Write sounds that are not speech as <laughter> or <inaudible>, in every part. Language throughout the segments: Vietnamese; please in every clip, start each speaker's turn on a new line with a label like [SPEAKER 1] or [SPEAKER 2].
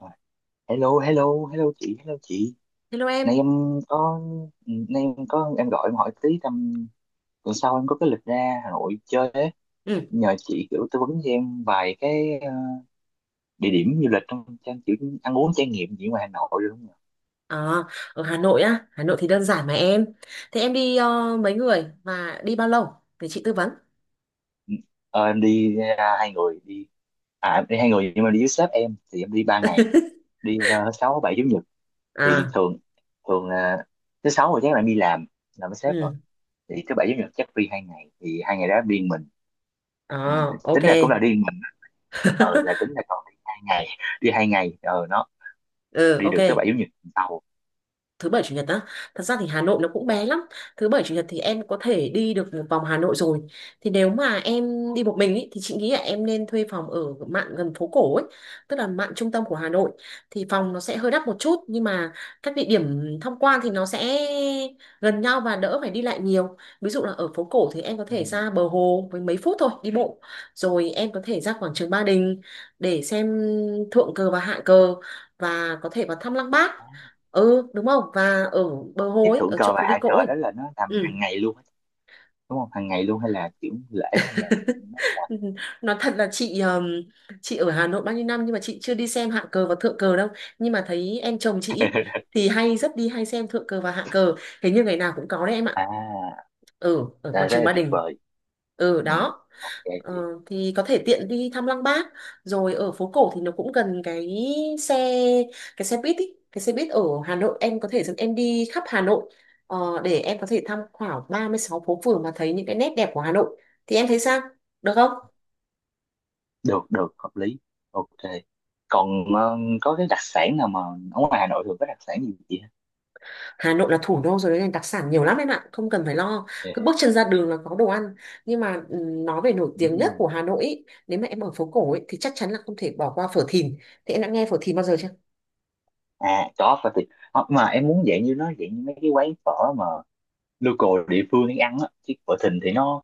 [SPEAKER 1] Rồi. Hello, hello, hello chị, hello chị.
[SPEAKER 2] Hello
[SPEAKER 1] Nay
[SPEAKER 2] em.
[SPEAKER 1] em có, nay em có, em gọi em hỏi tí tầm tuần sau em có cái lịch ra Hà Nội chơi ấy.
[SPEAKER 2] Ừ.
[SPEAKER 1] Nhờ chị kiểu tư vấn cho em vài cái địa điểm du lịch trong trang kiểu ăn uống trải nghiệm gì ngoài Hà Nội được không nhỉ?
[SPEAKER 2] À, ở Hà Nội á, Hà Nội thì đơn giản mà em. Thế em đi mấy người và đi bao lâu để chị tư vấn?
[SPEAKER 1] Ờ, em đi ra 2 người đi, à em đi 2 người nhưng mà đi với sếp em thì em đi 3 ngày, đi sáu bảy chủ nhật thì
[SPEAKER 2] À,
[SPEAKER 1] thường thường là thứ sáu rồi chắc là em đi làm với sếp rồi
[SPEAKER 2] ừ.
[SPEAKER 1] thì thứ bảy chủ nhật chắc đi 2 ngày thì 2 ngày đó em đi một mình. Ừ,
[SPEAKER 2] À, ok.
[SPEAKER 1] tính ra cũng là đi mình. Là tính
[SPEAKER 2] <laughs>
[SPEAKER 1] là còn đi 2 ngày, đi hai ngày nó
[SPEAKER 2] Ừ,
[SPEAKER 1] đi
[SPEAKER 2] ok.
[SPEAKER 1] được tới bảy chủ nhật tuần sau.
[SPEAKER 2] Thứ bảy chủ nhật á? Thật ra thì Hà Nội nó cũng bé lắm. Thứ bảy chủ nhật thì em có thể đi được một vòng Hà Nội rồi. Thì nếu mà em đi một mình ý, thì chị nghĩ là em nên thuê phòng ở mạn gần phố cổ ấy, tức là mạn trung tâm của Hà Nội. Thì phòng nó sẽ hơi đắt một chút, nhưng mà các địa điểm tham quan thì nó sẽ gần nhau và đỡ phải đi lại nhiều. Ví dụ là ở phố cổ thì em có
[SPEAKER 1] Ừ.
[SPEAKER 2] thể ra bờ hồ với mấy phút thôi đi bộ, rồi em có thể ra quảng trường Ba Đình để xem thượng cờ và hạ cờ, và có thể vào thăm Lăng Bác. Ừ đúng không, và ở bờ hồ
[SPEAKER 1] Cái
[SPEAKER 2] ấy,
[SPEAKER 1] thượng
[SPEAKER 2] ở chỗ
[SPEAKER 1] cờ và
[SPEAKER 2] phố đi
[SPEAKER 1] hạ
[SPEAKER 2] cỗ
[SPEAKER 1] cờ
[SPEAKER 2] ấy.
[SPEAKER 1] đó là nó
[SPEAKER 2] Ừ.
[SPEAKER 1] làm hàng ngày luôn á, đúng không, hàng ngày luôn hay là kiểu lễ hay là
[SPEAKER 2] <laughs> Nói thật là chị ở Hà Nội bao nhiêu năm nhưng mà chị chưa đi xem hạng cờ và thượng cờ đâu, nhưng mà thấy em chồng chị ý, thì hay rất đi hay xem thượng cờ và hạng cờ. Hình như ngày nào cũng có đấy em ạ,
[SPEAKER 1] à
[SPEAKER 2] ở ở
[SPEAKER 1] là
[SPEAKER 2] quảng
[SPEAKER 1] rất
[SPEAKER 2] trường
[SPEAKER 1] là
[SPEAKER 2] Ba
[SPEAKER 1] tuyệt
[SPEAKER 2] Đình.
[SPEAKER 1] vời.
[SPEAKER 2] Ừ
[SPEAKER 1] Ừ.
[SPEAKER 2] đó.
[SPEAKER 1] Ok
[SPEAKER 2] Ờ,
[SPEAKER 1] chị,
[SPEAKER 2] thì có thể tiện đi thăm Lăng Bác. Rồi ở phố cổ thì nó cũng gần xe cái xe buýt ý. Cái xe buýt ở Hà Nội em có thể dẫn em đi khắp Hà Nội, để em có thể tham khảo 36 phố phường mà thấy những cái nét đẹp của Hà Nội. Thì em thấy sao, được không?
[SPEAKER 1] được được hợp lý, ok. Còn có cái đặc sản nào mà ở ngoài Hà Nội thường có đặc sản gì chị ha?
[SPEAKER 2] Hà Nội là thủ đô rồi nên đặc sản nhiều lắm em ạ, không cần phải lo. Cứ bước
[SPEAKER 1] <laughs>
[SPEAKER 2] chân ra đường là có đồ ăn. Nhưng mà nói về nổi
[SPEAKER 1] Ừ.
[SPEAKER 2] tiếng nhất của Hà Nội ý, nếu mà em ở phố cổ ý, thì chắc chắn là không thể bỏ qua phở Thìn. Thì em đã nghe phở Thìn bao giờ chưa?
[SPEAKER 1] À có phải thì mà em muốn dạng như nó dạng như mấy cái quán phở mà local địa phương đi ăn á, chứ phở Thìn thì nó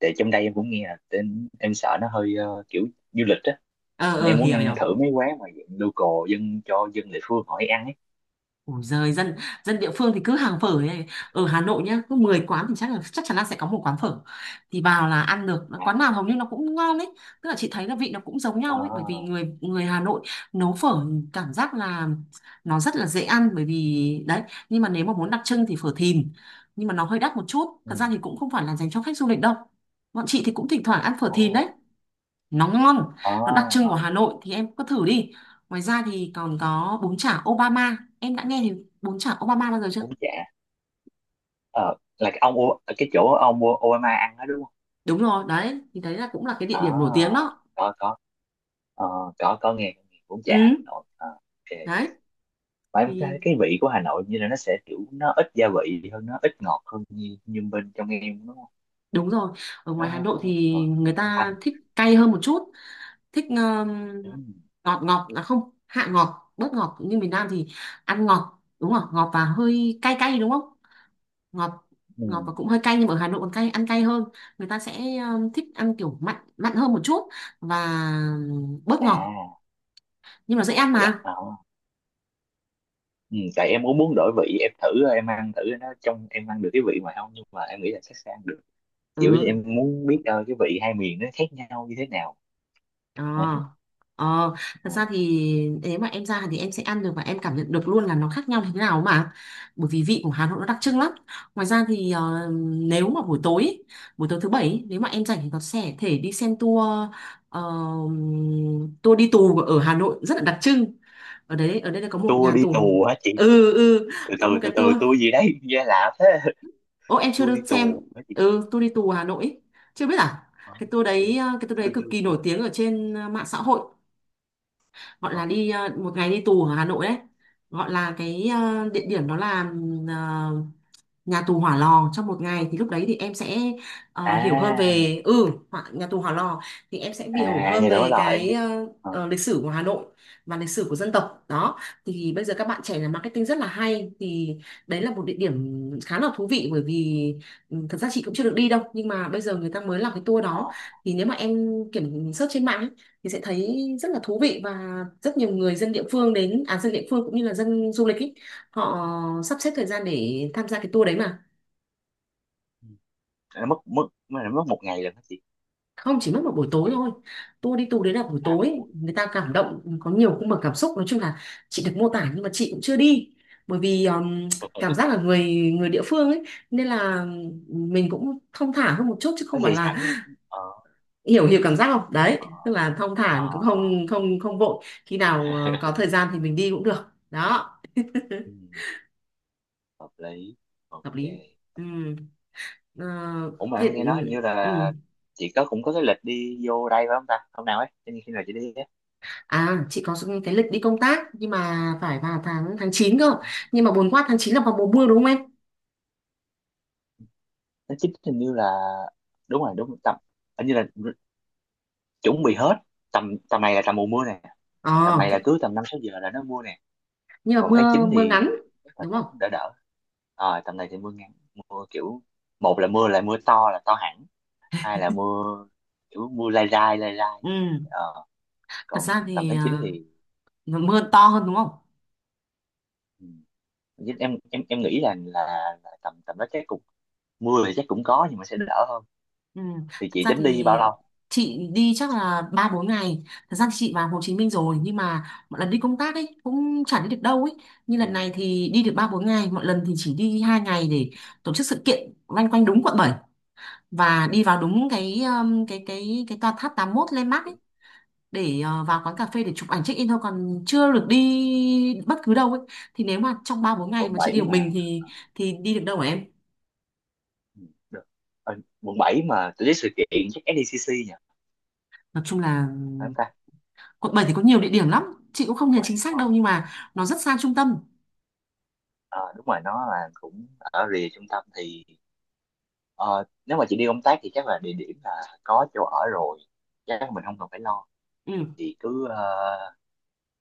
[SPEAKER 1] tại trong đây em cũng nghe là em sợ nó hơi kiểu du lịch á.
[SPEAKER 2] Ờ,
[SPEAKER 1] Nên
[SPEAKER 2] ờ,
[SPEAKER 1] em muốn
[SPEAKER 2] hiểu
[SPEAKER 1] ăn
[SPEAKER 2] hiểu.
[SPEAKER 1] thử mấy quán mà dạng local dân cho dân địa phương họ đi ăn ấy.
[SPEAKER 2] Ủa giời, dân dân địa phương thì cứ hàng phở này. Ở Hà Nội nhá, cứ 10 quán thì chắc chắn là sẽ có một quán phở. Thì vào là ăn được,
[SPEAKER 1] À,
[SPEAKER 2] quán nào hầu như nó cũng ngon ấy. Tức là chị thấy là vị nó cũng giống nhau ấy, bởi vì
[SPEAKER 1] à,
[SPEAKER 2] người người Hà Nội nấu phở cảm giác là nó rất là dễ ăn, bởi vì đấy, nhưng mà nếu mà muốn đặc trưng thì phở Thìn. Nhưng mà nó hơi đắt một chút,
[SPEAKER 1] ừ,
[SPEAKER 2] thật ra thì cũng không phải là dành cho khách du lịch đâu. Bọn chị thì cũng thỉnh thoảng ăn phở
[SPEAKER 1] ồ,
[SPEAKER 2] Thìn đấy, nóng ngon. Nó đặc trưng của
[SPEAKER 1] à,
[SPEAKER 2] Hà Nội thì em cứ thử đi. Ngoài ra thì còn có bún chả Obama, em đã nghe thì bún chả Obama bao giờ chưa?
[SPEAKER 1] bún chả ờ là cái ông cái chỗ ông Obama ăn đó đúng không?
[SPEAKER 2] Đúng rồi đấy, thì đấy là cũng là cái địa
[SPEAKER 1] À,
[SPEAKER 2] điểm nổi tiếng đó.
[SPEAKER 1] có có. Ờ, có nghe bún chả Hà
[SPEAKER 2] Ừ
[SPEAKER 1] Nội. Ờ, ok.
[SPEAKER 2] đấy.
[SPEAKER 1] Mà em
[SPEAKER 2] Thì
[SPEAKER 1] cái vị của Hà Nội như là nó sẽ kiểu nó ít gia vị hơn nó ít ngọt hơn như như bên trong em đúng không?
[SPEAKER 2] đúng rồi, ở
[SPEAKER 1] Ờ,
[SPEAKER 2] ngoài Hà Nội
[SPEAKER 1] ờ,
[SPEAKER 2] thì
[SPEAKER 1] ờ,
[SPEAKER 2] người
[SPEAKER 1] nó thanh
[SPEAKER 2] ta
[SPEAKER 1] thanh.
[SPEAKER 2] thích cay hơn một chút. Thích
[SPEAKER 1] Ừ.
[SPEAKER 2] ngọt, ngọt là không, hạ ngọt, bớt ngọt, nhưng miền Nam thì ăn ngọt đúng không? Ngọt và hơi cay cay đúng không? Ngọt,
[SPEAKER 1] Ừ.
[SPEAKER 2] ngọt và cũng hơi cay, nhưng mà ở Hà Nội còn cay, ăn cay hơn. Người ta sẽ thích ăn kiểu mặn mặn hơn một chút và bớt ngọt.
[SPEAKER 1] À,
[SPEAKER 2] Nhưng mà dễ ăn
[SPEAKER 1] dạ.
[SPEAKER 2] mà.
[SPEAKER 1] Ờ. Ừ. Tại em cũng muốn đổi vị em thử, em ăn thử nó trong em ăn được cái vị ngoài không, nhưng mà em nghĩ là chắc sẽ ăn được. Chỉ là em
[SPEAKER 2] Ừ.
[SPEAKER 1] muốn biết cái vị hai miền nó khác nhau như thế nào
[SPEAKER 2] Ờ,
[SPEAKER 1] đấy.
[SPEAKER 2] ờ. Thật
[SPEAKER 1] Ờ.
[SPEAKER 2] ra thì nếu mà em ra thì em sẽ ăn được và em cảm nhận được luôn là nó khác nhau như thế nào mà, bởi vì vị của Hà Nội nó đặc trưng lắm. Ngoài ra thì, nếu mà buổi tối ý, buổi tối thứ bảy ý, nếu mà em rảnh thì có sẽ thể đi xem tour. ờ, Tour đi tù ở Hà Nội rất là đặc trưng. Ở đây là có một
[SPEAKER 1] Tua
[SPEAKER 2] nhà
[SPEAKER 1] đi
[SPEAKER 2] tù.
[SPEAKER 1] tù hả chị?
[SPEAKER 2] Ừ, ừ.
[SPEAKER 1] từ từ
[SPEAKER 2] Có một
[SPEAKER 1] từ
[SPEAKER 2] cái
[SPEAKER 1] từ
[SPEAKER 2] tour.
[SPEAKER 1] tua gì đấy <laughs> nghe lạ thế.
[SPEAKER 2] Ô,
[SPEAKER 1] <laughs>
[SPEAKER 2] em chưa
[SPEAKER 1] Tua đi
[SPEAKER 2] được
[SPEAKER 1] tù
[SPEAKER 2] xem.
[SPEAKER 1] hả chị?
[SPEAKER 2] Ừ, tour đi tù Hà Nội ấy. Chưa biết à?
[SPEAKER 1] Ờ,
[SPEAKER 2] cái tour
[SPEAKER 1] chưa
[SPEAKER 2] đấy ờ, cái tour
[SPEAKER 1] chưa
[SPEAKER 2] đấy cực
[SPEAKER 1] chưa
[SPEAKER 2] kỳ
[SPEAKER 1] chưa.
[SPEAKER 2] nổi tiếng ở trên mạng xã hội, gọi
[SPEAKER 1] Ờ.
[SPEAKER 2] là
[SPEAKER 1] Ok.
[SPEAKER 2] đi một ngày đi tù ở Hà Nội đấy. Gọi là cái, địa điểm đó là ờ, nhà tù Hỏa Lò trong một ngày. Thì lúc đấy thì em sẽ hiểu hơn
[SPEAKER 1] À,
[SPEAKER 2] về nhà tù Hỏa Lò. Thì em sẽ hiểu
[SPEAKER 1] à
[SPEAKER 2] hơn
[SPEAKER 1] nhà đó
[SPEAKER 2] về
[SPEAKER 1] là em
[SPEAKER 2] cái
[SPEAKER 1] biết. Ờ,
[SPEAKER 2] lịch sử của Hà Nội và lịch sử của dân tộc đó. Thì bây giờ các bạn trẻ làm marketing rất là hay, thì đấy là một địa điểm khá là thú vị, bởi vì thật ra chị cũng chưa được đi đâu, nhưng mà bây giờ người ta mới làm cái tour
[SPEAKER 1] ờ.
[SPEAKER 2] đó. Thì nếu mà em kiểm search trên mạng ấy, thì sẽ thấy rất là thú vị, và rất nhiều người dân địa phương đến, à, dân địa phương cũng như là dân du lịch ý, họ sắp xếp thời gian để tham gia cái tour đấy mà.
[SPEAKER 1] Ừ, nó mất mất nó mất 1 ngày rồi đó chị,
[SPEAKER 2] Không, chỉ mất một buổi
[SPEAKER 1] một
[SPEAKER 2] tối
[SPEAKER 1] ngày
[SPEAKER 2] thôi. Tour đấy là buổi
[SPEAKER 1] à một
[SPEAKER 2] tối,
[SPEAKER 1] buổi.
[SPEAKER 2] người ta cảm động, có nhiều cung bậc cảm xúc, nói chung là chị được mô tả, nhưng mà chị cũng chưa đi, bởi vì cảm
[SPEAKER 1] <laughs>
[SPEAKER 2] giác là người người địa phương ấy, nên là mình cũng thong thả hơn một chút chứ
[SPEAKER 1] Nó
[SPEAKER 2] không phải
[SPEAKER 1] dậy
[SPEAKER 2] là,
[SPEAKER 1] sẵn đó. Ờ
[SPEAKER 2] hiểu hiểu cảm giác không đấy, tức là thong thả,
[SPEAKER 1] ờ.
[SPEAKER 2] cũng
[SPEAKER 1] Ờ.
[SPEAKER 2] không, không không vội, khi nào có thời gian thì mình đi cũng được. Đó.
[SPEAKER 1] Ừ, hợp lý,
[SPEAKER 2] Hợp
[SPEAKER 1] ok.
[SPEAKER 2] lý. Ừ. Ờ,
[SPEAKER 1] Ủa mà
[SPEAKER 2] thế.
[SPEAKER 1] em nghe nói
[SPEAKER 2] Ừ.
[SPEAKER 1] hình như
[SPEAKER 2] Ừ.
[SPEAKER 1] là chị có cũng có cái lịch đi vô đây phải không ta, hôm nào ấy, cho nên khi nào chị đi ấy?
[SPEAKER 2] À, chị có cái lịch đi công tác nhưng mà phải vào tháng tháng 9 cơ. Nhưng mà buồn quá, tháng 9 là vào mùa mưa đúng không em?
[SPEAKER 1] Nó chính hình như là đúng rồi, tầm hình như là chuẩn bị hết tầm tầm này là tầm mùa mưa nè. Tầm
[SPEAKER 2] Ờ,
[SPEAKER 1] này là cứ tầm 5 6 giờ là nó mưa nè,
[SPEAKER 2] nhưng mà
[SPEAKER 1] còn tháng
[SPEAKER 2] mưa,
[SPEAKER 1] 9
[SPEAKER 2] mưa
[SPEAKER 1] thì
[SPEAKER 2] ngắn
[SPEAKER 1] chắc là
[SPEAKER 2] đúng
[SPEAKER 1] cũng
[SPEAKER 2] không?
[SPEAKER 1] đỡ đỡ. Ờ, tầm này thì mưa ngắn, mưa kiểu một là mưa to là to hẳn, hai là mưa kiểu mưa lai dai lai dai.
[SPEAKER 2] Ừ, thật
[SPEAKER 1] Còn
[SPEAKER 2] ra
[SPEAKER 1] tầm
[SPEAKER 2] thì
[SPEAKER 1] tháng 9
[SPEAKER 2] à,
[SPEAKER 1] thì
[SPEAKER 2] mưa to hơn đúng không?
[SPEAKER 1] ừ, em nghĩ là tầm tầm đó chắc cũng mưa thì chắc cũng có nhưng mà sẽ đỡ hơn.
[SPEAKER 2] Ừ,
[SPEAKER 1] Thì
[SPEAKER 2] thật
[SPEAKER 1] chị
[SPEAKER 2] ra
[SPEAKER 1] tính đi bao
[SPEAKER 2] thì
[SPEAKER 1] lâu?
[SPEAKER 2] chị đi chắc là 3 4 ngày. Thật ra thì chị vào Hồ Chí Minh rồi nhưng mà mọi lần đi công tác ấy cũng chả đi được đâu ấy. Như
[SPEAKER 1] Ừ.
[SPEAKER 2] lần này thì đi được 3 4 ngày, mọi lần thì chỉ đi 2 ngày để tổ chức sự kiện loanh quanh đúng quận 7, và đi vào đúng cái tòa tháp 81 landmark ấy để vào quán cà phê để chụp ảnh check in thôi, còn chưa được đi bất cứ đâu ấy. Thì nếu mà trong 3 4 ngày
[SPEAKER 1] Quận
[SPEAKER 2] mà chị
[SPEAKER 1] 7
[SPEAKER 2] đi một
[SPEAKER 1] mà.
[SPEAKER 2] mình thì đi được đâu hả em?
[SPEAKER 1] Ừ, được. Ờ, quận 7 mà tổ chức sự kiện chắc SDCC nhỉ,
[SPEAKER 2] Nói chung là
[SPEAKER 1] phải không ta,
[SPEAKER 2] quận 7 thì có nhiều địa điểm lắm, chị cũng không
[SPEAKER 1] quận
[SPEAKER 2] nhớ
[SPEAKER 1] 7
[SPEAKER 2] chính
[SPEAKER 1] đúng
[SPEAKER 2] xác
[SPEAKER 1] không?
[SPEAKER 2] đâu, nhưng mà nó rất xa trung tâm.
[SPEAKER 1] Ờ, đúng rồi, nó là cũng ở rìa trung tâm thì ờ, nếu mà chị đi công tác thì chắc là địa điểm là có chỗ ở rồi, chắc là mình không cần phải lo.
[SPEAKER 2] Ừ,
[SPEAKER 1] Chị cứ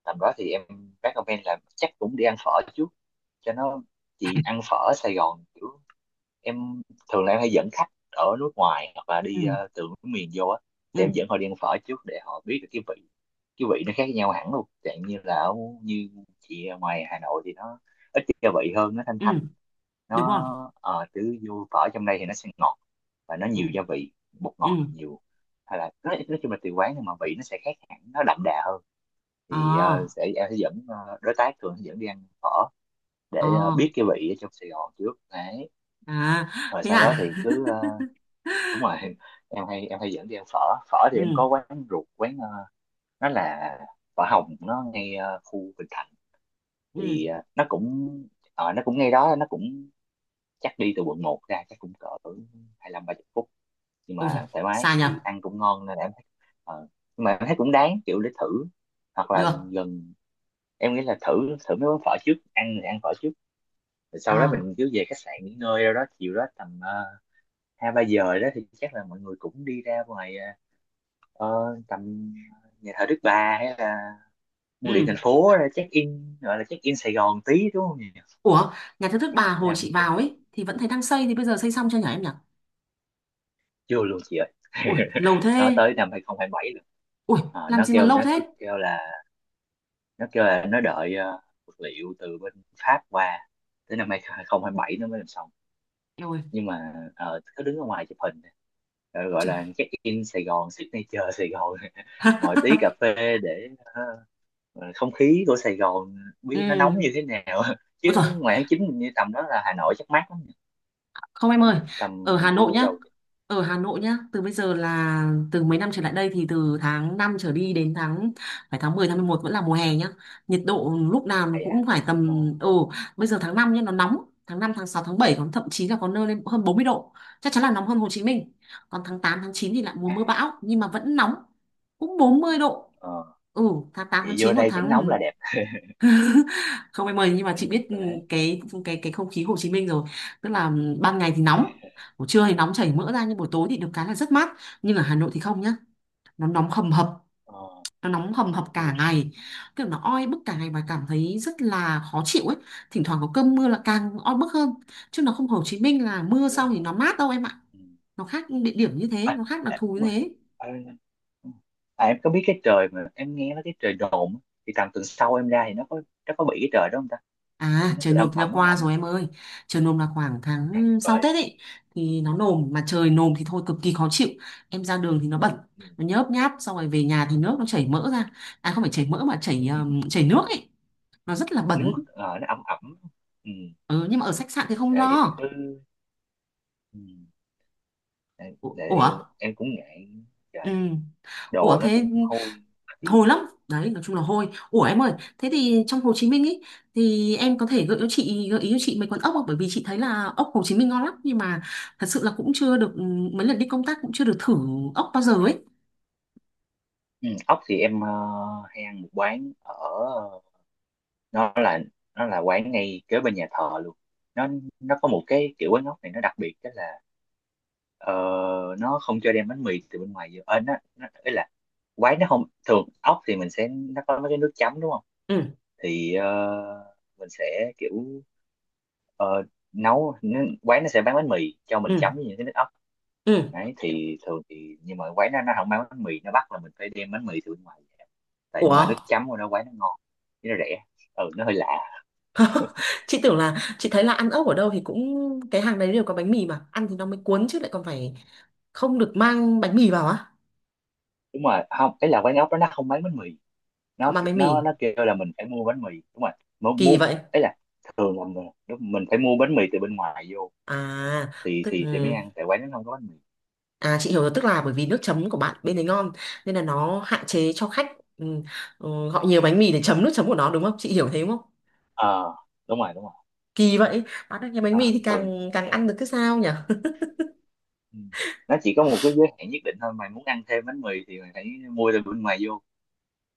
[SPEAKER 1] tầm đó thì em recommend là chắc cũng đi ăn phở trước cho nó chị ăn phở ở Sài Gòn kiểu em thường là em hay dẫn khách ở nước ngoài hoặc là
[SPEAKER 2] ừ,
[SPEAKER 1] đi từ nước miền vô á,
[SPEAKER 2] ừ,
[SPEAKER 1] thì em dẫn họ đi ăn phở trước để họ biết được cái vị, cái vị nó khác nhau hẳn luôn chẳng như là ở như chị ở ngoài Hà Nội thì nó ít gia vị hơn nó thanh
[SPEAKER 2] ừ.
[SPEAKER 1] thanh
[SPEAKER 2] Đúng
[SPEAKER 1] nó
[SPEAKER 2] rồi.
[SPEAKER 1] ờ, chứ vô phở trong đây thì nó sẽ ngọt và nó
[SPEAKER 2] Ừ,
[SPEAKER 1] nhiều gia vị bột
[SPEAKER 2] ừ.
[SPEAKER 1] ngọt nhiều hay là nói chung là tùy quán nhưng mà vị nó sẽ khác hẳn nó đậm đà hơn.
[SPEAKER 2] Ờ,
[SPEAKER 1] Thì sẽ em sẽ dẫn đối tác thường sẽ dẫn đi ăn phở
[SPEAKER 2] ờ.
[SPEAKER 1] để biết cái vị ở trong Sài Gòn trước đấy,
[SPEAKER 2] À,
[SPEAKER 1] rồi
[SPEAKER 2] thế
[SPEAKER 1] sau đó
[SPEAKER 2] à?
[SPEAKER 1] thì cứ
[SPEAKER 2] <laughs>
[SPEAKER 1] ờ, đúng rồi. <laughs> Em hay em hay dẫn đi ăn phở. Phở thì em
[SPEAKER 2] Ừ,
[SPEAKER 1] có quán ruột, quán nó là phở Hồng, nó ngay khu Bình Thạnh.
[SPEAKER 2] ừ.
[SPEAKER 1] Thì nó cũng nó cũng ngay đó, nó cũng chắc đi từ quận một ra chắc cũng cỡ 25 30 phút, nhưng
[SPEAKER 2] Ôi giời,
[SPEAKER 1] mà thoải mái
[SPEAKER 2] xa nhờ.
[SPEAKER 1] thì ăn cũng ngon nên là em thấy ờ, nhưng mà em thấy cũng đáng kiểu để thử. Hoặc là
[SPEAKER 2] Được.
[SPEAKER 1] gần, em nghĩ là thử thử mấy món phở trước ăn thì ăn phở trước, rồi
[SPEAKER 2] Ờ.
[SPEAKER 1] sau đó mình cứ về khách sạn nghỉ ngơi đâu đó, chiều đó tầm hai ba giờ đó thì chắc là mọi người cũng đi ra ngoài ờ, tầm nhà thờ Đức Bà hay là bưu điện
[SPEAKER 2] Ừ.
[SPEAKER 1] thành phố ra check in, gọi là check in Sài Gòn tí đúng không nhỉ?
[SPEAKER 2] Ủa, nhà thờ Đức Bà hồi
[SPEAKER 1] làm
[SPEAKER 2] chị
[SPEAKER 1] t-
[SPEAKER 2] vào ấy thì vẫn thấy đang xây, thì bây giờ xây xong chưa nhỉ em nhỉ?
[SPEAKER 1] Chưa luôn chị ơi.
[SPEAKER 2] Ui,
[SPEAKER 1] <laughs>
[SPEAKER 2] lâu
[SPEAKER 1] Nó
[SPEAKER 2] thế.
[SPEAKER 1] tới 2027 rồi.
[SPEAKER 2] Ui,
[SPEAKER 1] Ờ,
[SPEAKER 2] làm
[SPEAKER 1] nó
[SPEAKER 2] gì mà
[SPEAKER 1] kêu
[SPEAKER 2] lâu
[SPEAKER 1] nó cứ
[SPEAKER 2] thế?
[SPEAKER 1] kêu là nó đợi vật liệu từ bên Pháp qua, tới 2027 nó mới làm xong.
[SPEAKER 2] Eo ơi,
[SPEAKER 1] Nhưng mà ờ, cứ đứng ở ngoài chụp hình. Ờ, gọi là
[SPEAKER 2] trời.
[SPEAKER 1] check in Sài Gòn, signature Sài Gòn. <laughs> Ngồi tí cà
[SPEAKER 2] <laughs>
[SPEAKER 1] phê để ờ, không khí của Sài Gòn
[SPEAKER 2] Ừ.
[SPEAKER 1] biết nó nóng như thế nào. <laughs>
[SPEAKER 2] Ôi
[SPEAKER 1] Chứ
[SPEAKER 2] trời.
[SPEAKER 1] ngoài tháng chín mình như tầm đó là Hà Nội chắc mát lắm nhỉ?
[SPEAKER 2] Không em
[SPEAKER 1] Ờ,
[SPEAKER 2] ơi,
[SPEAKER 1] tầm
[SPEAKER 2] ở
[SPEAKER 1] gần
[SPEAKER 2] Hà Nội
[SPEAKER 1] thu
[SPEAKER 2] nhá.
[SPEAKER 1] đầu.
[SPEAKER 2] Ở Hà Nội nhá, từ bây giờ là từ mấy năm trở lại đây thì từ tháng 5 trở đi đến tháng, phải tháng 10, tháng 11 vẫn là mùa hè nhá. Nhiệt độ lúc nào nó
[SPEAKER 1] Vậy à.
[SPEAKER 2] cũng phải
[SPEAKER 1] Ờ.
[SPEAKER 2] tầm, bây giờ tháng 5 nhá nó nóng, tháng 5 tháng 6 tháng 7 còn thậm chí là có nơi lên hơn 40 độ. Chắc chắn là nóng hơn Hồ Chí Minh. Còn tháng 8 tháng 9 thì lại mùa
[SPEAKER 1] À.
[SPEAKER 2] mưa bão nhưng mà vẫn nóng, cũng 40 độ.
[SPEAKER 1] Ờ.
[SPEAKER 2] Ừ, tháng tám tháng
[SPEAKER 1] Vậy vô
[SPEAKER 2] chín còn
[SPEAKER 1] đây tránh nóng là đẹp.
[SPEAKER 2] không em ơi, nhưng mà
[SPEAKER 1] Ừ,
[SPEAKER 2] chị biết
[SPEAKER 1] đấy.
[SPEAKER 2] cái không khí Hồ Chí Minh rồi. Tức là ban ngày thì nóng, buổi trưa thì nóng chảy mỡ ra, nhưng buổi tối thì được cái là rất mát. Nhưng ở Hà Nội thì không nhá, nó nóng hầm hập,
[SPEAKER 1] Ờ.
[SPEAKER 2] nó nóng hầm hập cả
[SPEAKER 1] Ui.
[SPEAKER 2] ngày, kiểu nó oi bức cả ngày và cảm thấy rất là khó chịu ấy. Thỉnh thoảng có cơn mưa là càng oi bức hơn, chứ nó không, Hồ Chí Minh là mưa xong thì
[SPEAKER 1] Ồ.
[SPEAKER 2] nó mát đâu em ạ.
[SPEAKER 1] Ừ.
[SPEAKER 2] Nó khác địa điểm như thế,
[SPEAKER 1] À,
[SPEAKER 2] nó khác đặc
[SPEAKER 1] à,
[SPEAKER 2] thù như
[SPEAKER 1] đúng rồi.
[SPEAKER 2] thế.
[SPEAKER 1] À, à, em có biết cái trời mà em nghe nó cái trời đồn á, thì tầm tuần sau em ra thì nó có bị cái trời đó không ta,
[SPEAKER 2] À,
[SPEAKER 1] nó
[SPEAKER 2] trời
[SPEAKER 1] cứ âm
[SPEAKER 2] nồm là
[SPEAKER 1] ầm âm
[SPEAKER 2] qua
[SPEAKER 1] ẩm á.
[SPEAKER 2] rồi em ơi. Trời nồm là khoảng
[SPEAKER 1] Ok,
[SPEAKER 2] tháng
[SPEAKER 1] tuyệt
[SPEAKER 2] sau
[SPEAKER 1] vời.
[SPEAKER 2] Tết ấy, thì nó nồm, mà trời nồm thì thôi cực kỳ khó chịu. Em ra đường thì nó bẩn,
[SPEAKER 1] Ừ,
[SPEAKER 2] nó nhớp nháp, xong rồi về nhà thì
[SPEAKER 1] đúng
[SPEAKER 2] nước
[SPEAKER 1] rồi.
[SPEAKER 2] nó chảy mỡ ra. À không phải chảy mỡ, mà chảy
[SPEAKER 1] <laughs>
[SPEAKER 2] chảy nước ấy, nó rất là
[SPEAKER 1] Nước
[SPEAKER 2] bẩn.
[SPEAKER 1] nó âm ẩm. Ừ,
[SPEAKER 2] Ừ, nhưng mà ở khách sạn thì
[SPEAKER 1] ok
[SPEAKER 2] không
[SPEAKER 1] vậy thì
[SPEAKER 2] lo.
[SPEAKER 1] cứ. Ừ. Tại tại vì
[SPEAKER 2] Ủa,
[SPEAKER 1] em cũng ngại.
[SPEAKER 2] ừ.
[SPEAKER 1] Trời đất, đồ
[SPEAKER 2] Ủa
[SPEAKER 1] nó cũng
[SPEAKER 2] thế,
[SPEAKER 1] hôi khó chịu.
[SPEAKER 2] hôi lắm đấy, nói chung là hôi. Ủa em ơi, thế thì trong Hồ Chí Minh ý, thì em có thể gợi ý cho chị mấy quán ốc không, bởi vì chị thấy là ốc Hồ Chí Minh ngon lắm, nhưng mà thật sự là cũng chưa được, mấy lần đi công tác cũng chưa được thử ốc bao giờ ấy.
[SPEAKER 1] Ừ, ốc thì em hay ăn một quán ở nó là, nó là quán ngay kế bên nhà thờ luôn. nó nó có một cái kiểu quán ốc này nó đặc biệt đó là ờ, nó không cho đem bánh mì từ bên ngoài vô. Ờ, nó ý là quán nó không thường ốc thì mình sẽ nó có mấy cái nước chấm đúng không,
[SPEAKER 2] Ừ,
[SPEAKER 1] thì mình sẽ kiểu ờ, nấu quán nó sẽ bán bánh mì cho mình
[SPEAKER 2] ừ,
[SPEAKER 1] chấm với những cái nước ốc
[SPEAKER 2] ừ.
[SPEAKER 1] đấy. Thì thường thì nhưng mà quán nó không bán bánh mì, nó bắt là mình phải đem bánh mì từ bên ngoài về. Tại mà
[SPEAKER 2] Ủa,
[SPEAKER 1] nước chấm của nó quán nó ngon chứ nó rẻ. Ừ, nó hơi lạ.
[SPEAKER 2] chị thấy là ăn ốc ở đâu thì cũng cái hàng đấy đều có bánh mì mà ăn thì nó mới cuốn, chứ lại còn phải không được mang bánh mì vào á?
[SPEAKER 1] Đúng rồi, không cái là quán ốc đó nó không bán bánh mì,
[SPEAKER 2] Không mang bánh mì,
[SPEAKER 1] nó kêu là mình phải mua bánh mì. Đúng rồi, mua, mua
[SPEAKER 2] kỳ vậy?
[SPEAKER 1] ấy. Là thường là mình, lúc mình phải mua bánh mì từ bên ngoài vô
[SPEAKER 2] À,
[SPEAKER 1] thì
[SPEAKER 2] tức
[SPEAKER 1] thì mới ăn, tại quán nó không có bánh mì.
[SPEAKER 2] À chị hiểu rồi, tức là bởi vì nước chấm của bạn bên đấy ngon, nên là nó hạn chế cho khách gọi nhiều bánh mì để chấm nước chấm của nó đúng không? Chị hiểu thế đúng không?
[SPEAKER 1] Ờ, đúng rồi đúng rồi.
[SPEAKER 2] Kỳ vậy, bán được nhiều bánh
[SPEAKER 1] Nó
[SPEAKER 2] mì thì
[SPEAKER 1] thường
[SPEAKER 2] càng càng ăn được cái sao nhỉ? <laughs>
[SPEAKER 1] ừ, nó chỉ có một cái giới hạn nhất định thôi, mày muốn ăn thêm bánh mì thì mày phải mua từ bên ngoài vô.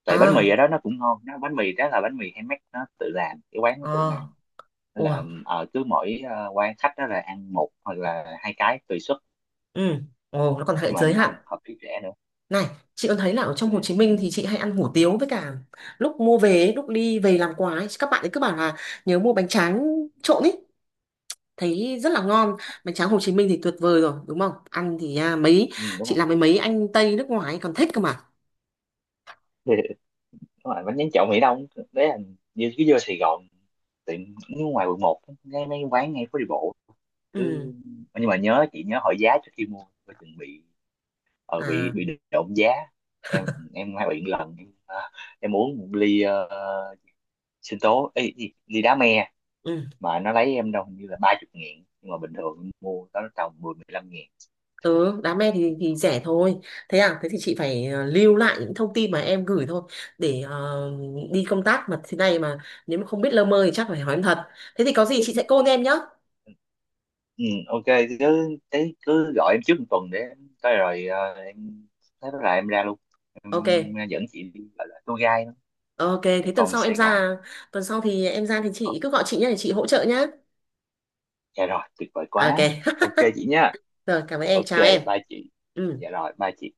[SPEAKER 1] Tại bánh mì ở
[SPEAKER 2] À,
[SPEAKER 1] đó nó cũng ngon, nó bánh mì đó là bánh mì handmade nó tự làm, cái quán nó tự
[SPEAKER 2] à,
[SPEAKER 1] làm. Nên
[SPEAKER 2] ủa,
[SPEAKER 1] là ở cứ mỗi quan khách đó là ăn một hoặc là hai cái tùy suất.
[SPEAKER 2] ừ, ồ, nó còn hệ
[SPEAKER 1] Nhưng mà
[SPEAKER 2] giới hạn.
[SPEAKER 1] ngon hợp với trẻ nữa.
[SPEAKER 2] Này, chị có thấy là ở trong Hồ
[SPEAKER 1] Để,
[SPEAKER 2] Chí Minh
[SPEAKER 1] ừ,
[SPEAKER 2] thì chị hay ăn hủ tiếu, với cả lúc mua về ấy, lúc đi về làm quà ấy, các bạn ấy cứ bảo là nhớ mua bánh tráng trộn ý. Thấy rất là ngon. Bánh tráng Hồ Chí Minh thì tuyệt vời rồi đúng không? Ăn thì à, mấy
[SPEAKER 1] ừ, đúng
[SPEAKER 2] chị làm với mấy anh Tây nước ngoài ấy còn thích cơ mà.
[SPEAKER 1] rồi đúng rồi, bánh tráng trộn Mỹ Đông. Đấy là như cứ vô Sài Gòn, tiệm, nếu ngoài quận một ngay mấy quán ngay phố đi bộ
[SPEAKER 2] Ừ.
[SPEAKER 1] cứ, nhưng mà nhớ chị nhớ hỏi giá trước khi mua coi chừng bị
[SPEAKER 2] À.
[SPEAKER 1] bị trộm giá. em em hay bị một lần em, à, em uống một ly sinh tố ê, ly đá me,
[SPEAKER 2] Ừ.
[SPEAKER 1] mà nó lấy em đâu hình như là 30.000 nhưng mà bình thường em mua đó tầm 10 15 ngàn.
[SPEAKER 2] Ừ đá me thì rẻ thôi. Thế à, thế thì chị phải à, lưu lại những thông tin mà em gửi thôi, để đi công tác mà thế này mà, nếu mà không biết lơ mơ thì chắc phải hỏi em thật. Thế thì có gì chị sẽ call em nhá.
[SPEAKER 1] Ừ, ok, cứ thế cứ gọi em trước 1 tuần để em tới rồi em, thế là em ra luôn, em
[SPEAKER 2] Ok.
[SPEAKER 1] dẫn chị đi gọi là tour guide
[SPEAKER 2] Ok,
[SPEAKER 1] một
[SPEAKER 2] thế tuần
[SPEAKER 1] vòng
[SPEAKER 2] sau em
[SPEAKER 1] Sài Gòn.
[SPEAKER 2] ra. Tuần sau thì em ra thì
[SPEAKER 1] Ờ,
[SPEAKER 2] chị cứ gọi chị nhá, để chị hỗ trợ nhá.
[SPEAKER 1] dạ rồi tuyệt vời
[SPEAKER 2] Ok.
[SPEAKER 1] quá.
[SPEAKER 2] <laughs>
[SPEAKER 1] Ok chị nha.
[SPEAKER 2] Rồi cảm ơn em,
[SPEAKER 1] Ok
[SPEAKER 2] chào em.
[SPEAKER 1] bye chị.
[SPEAKER 2] Ừ.
[SPEAKER 1] Dạ rồi bye chị.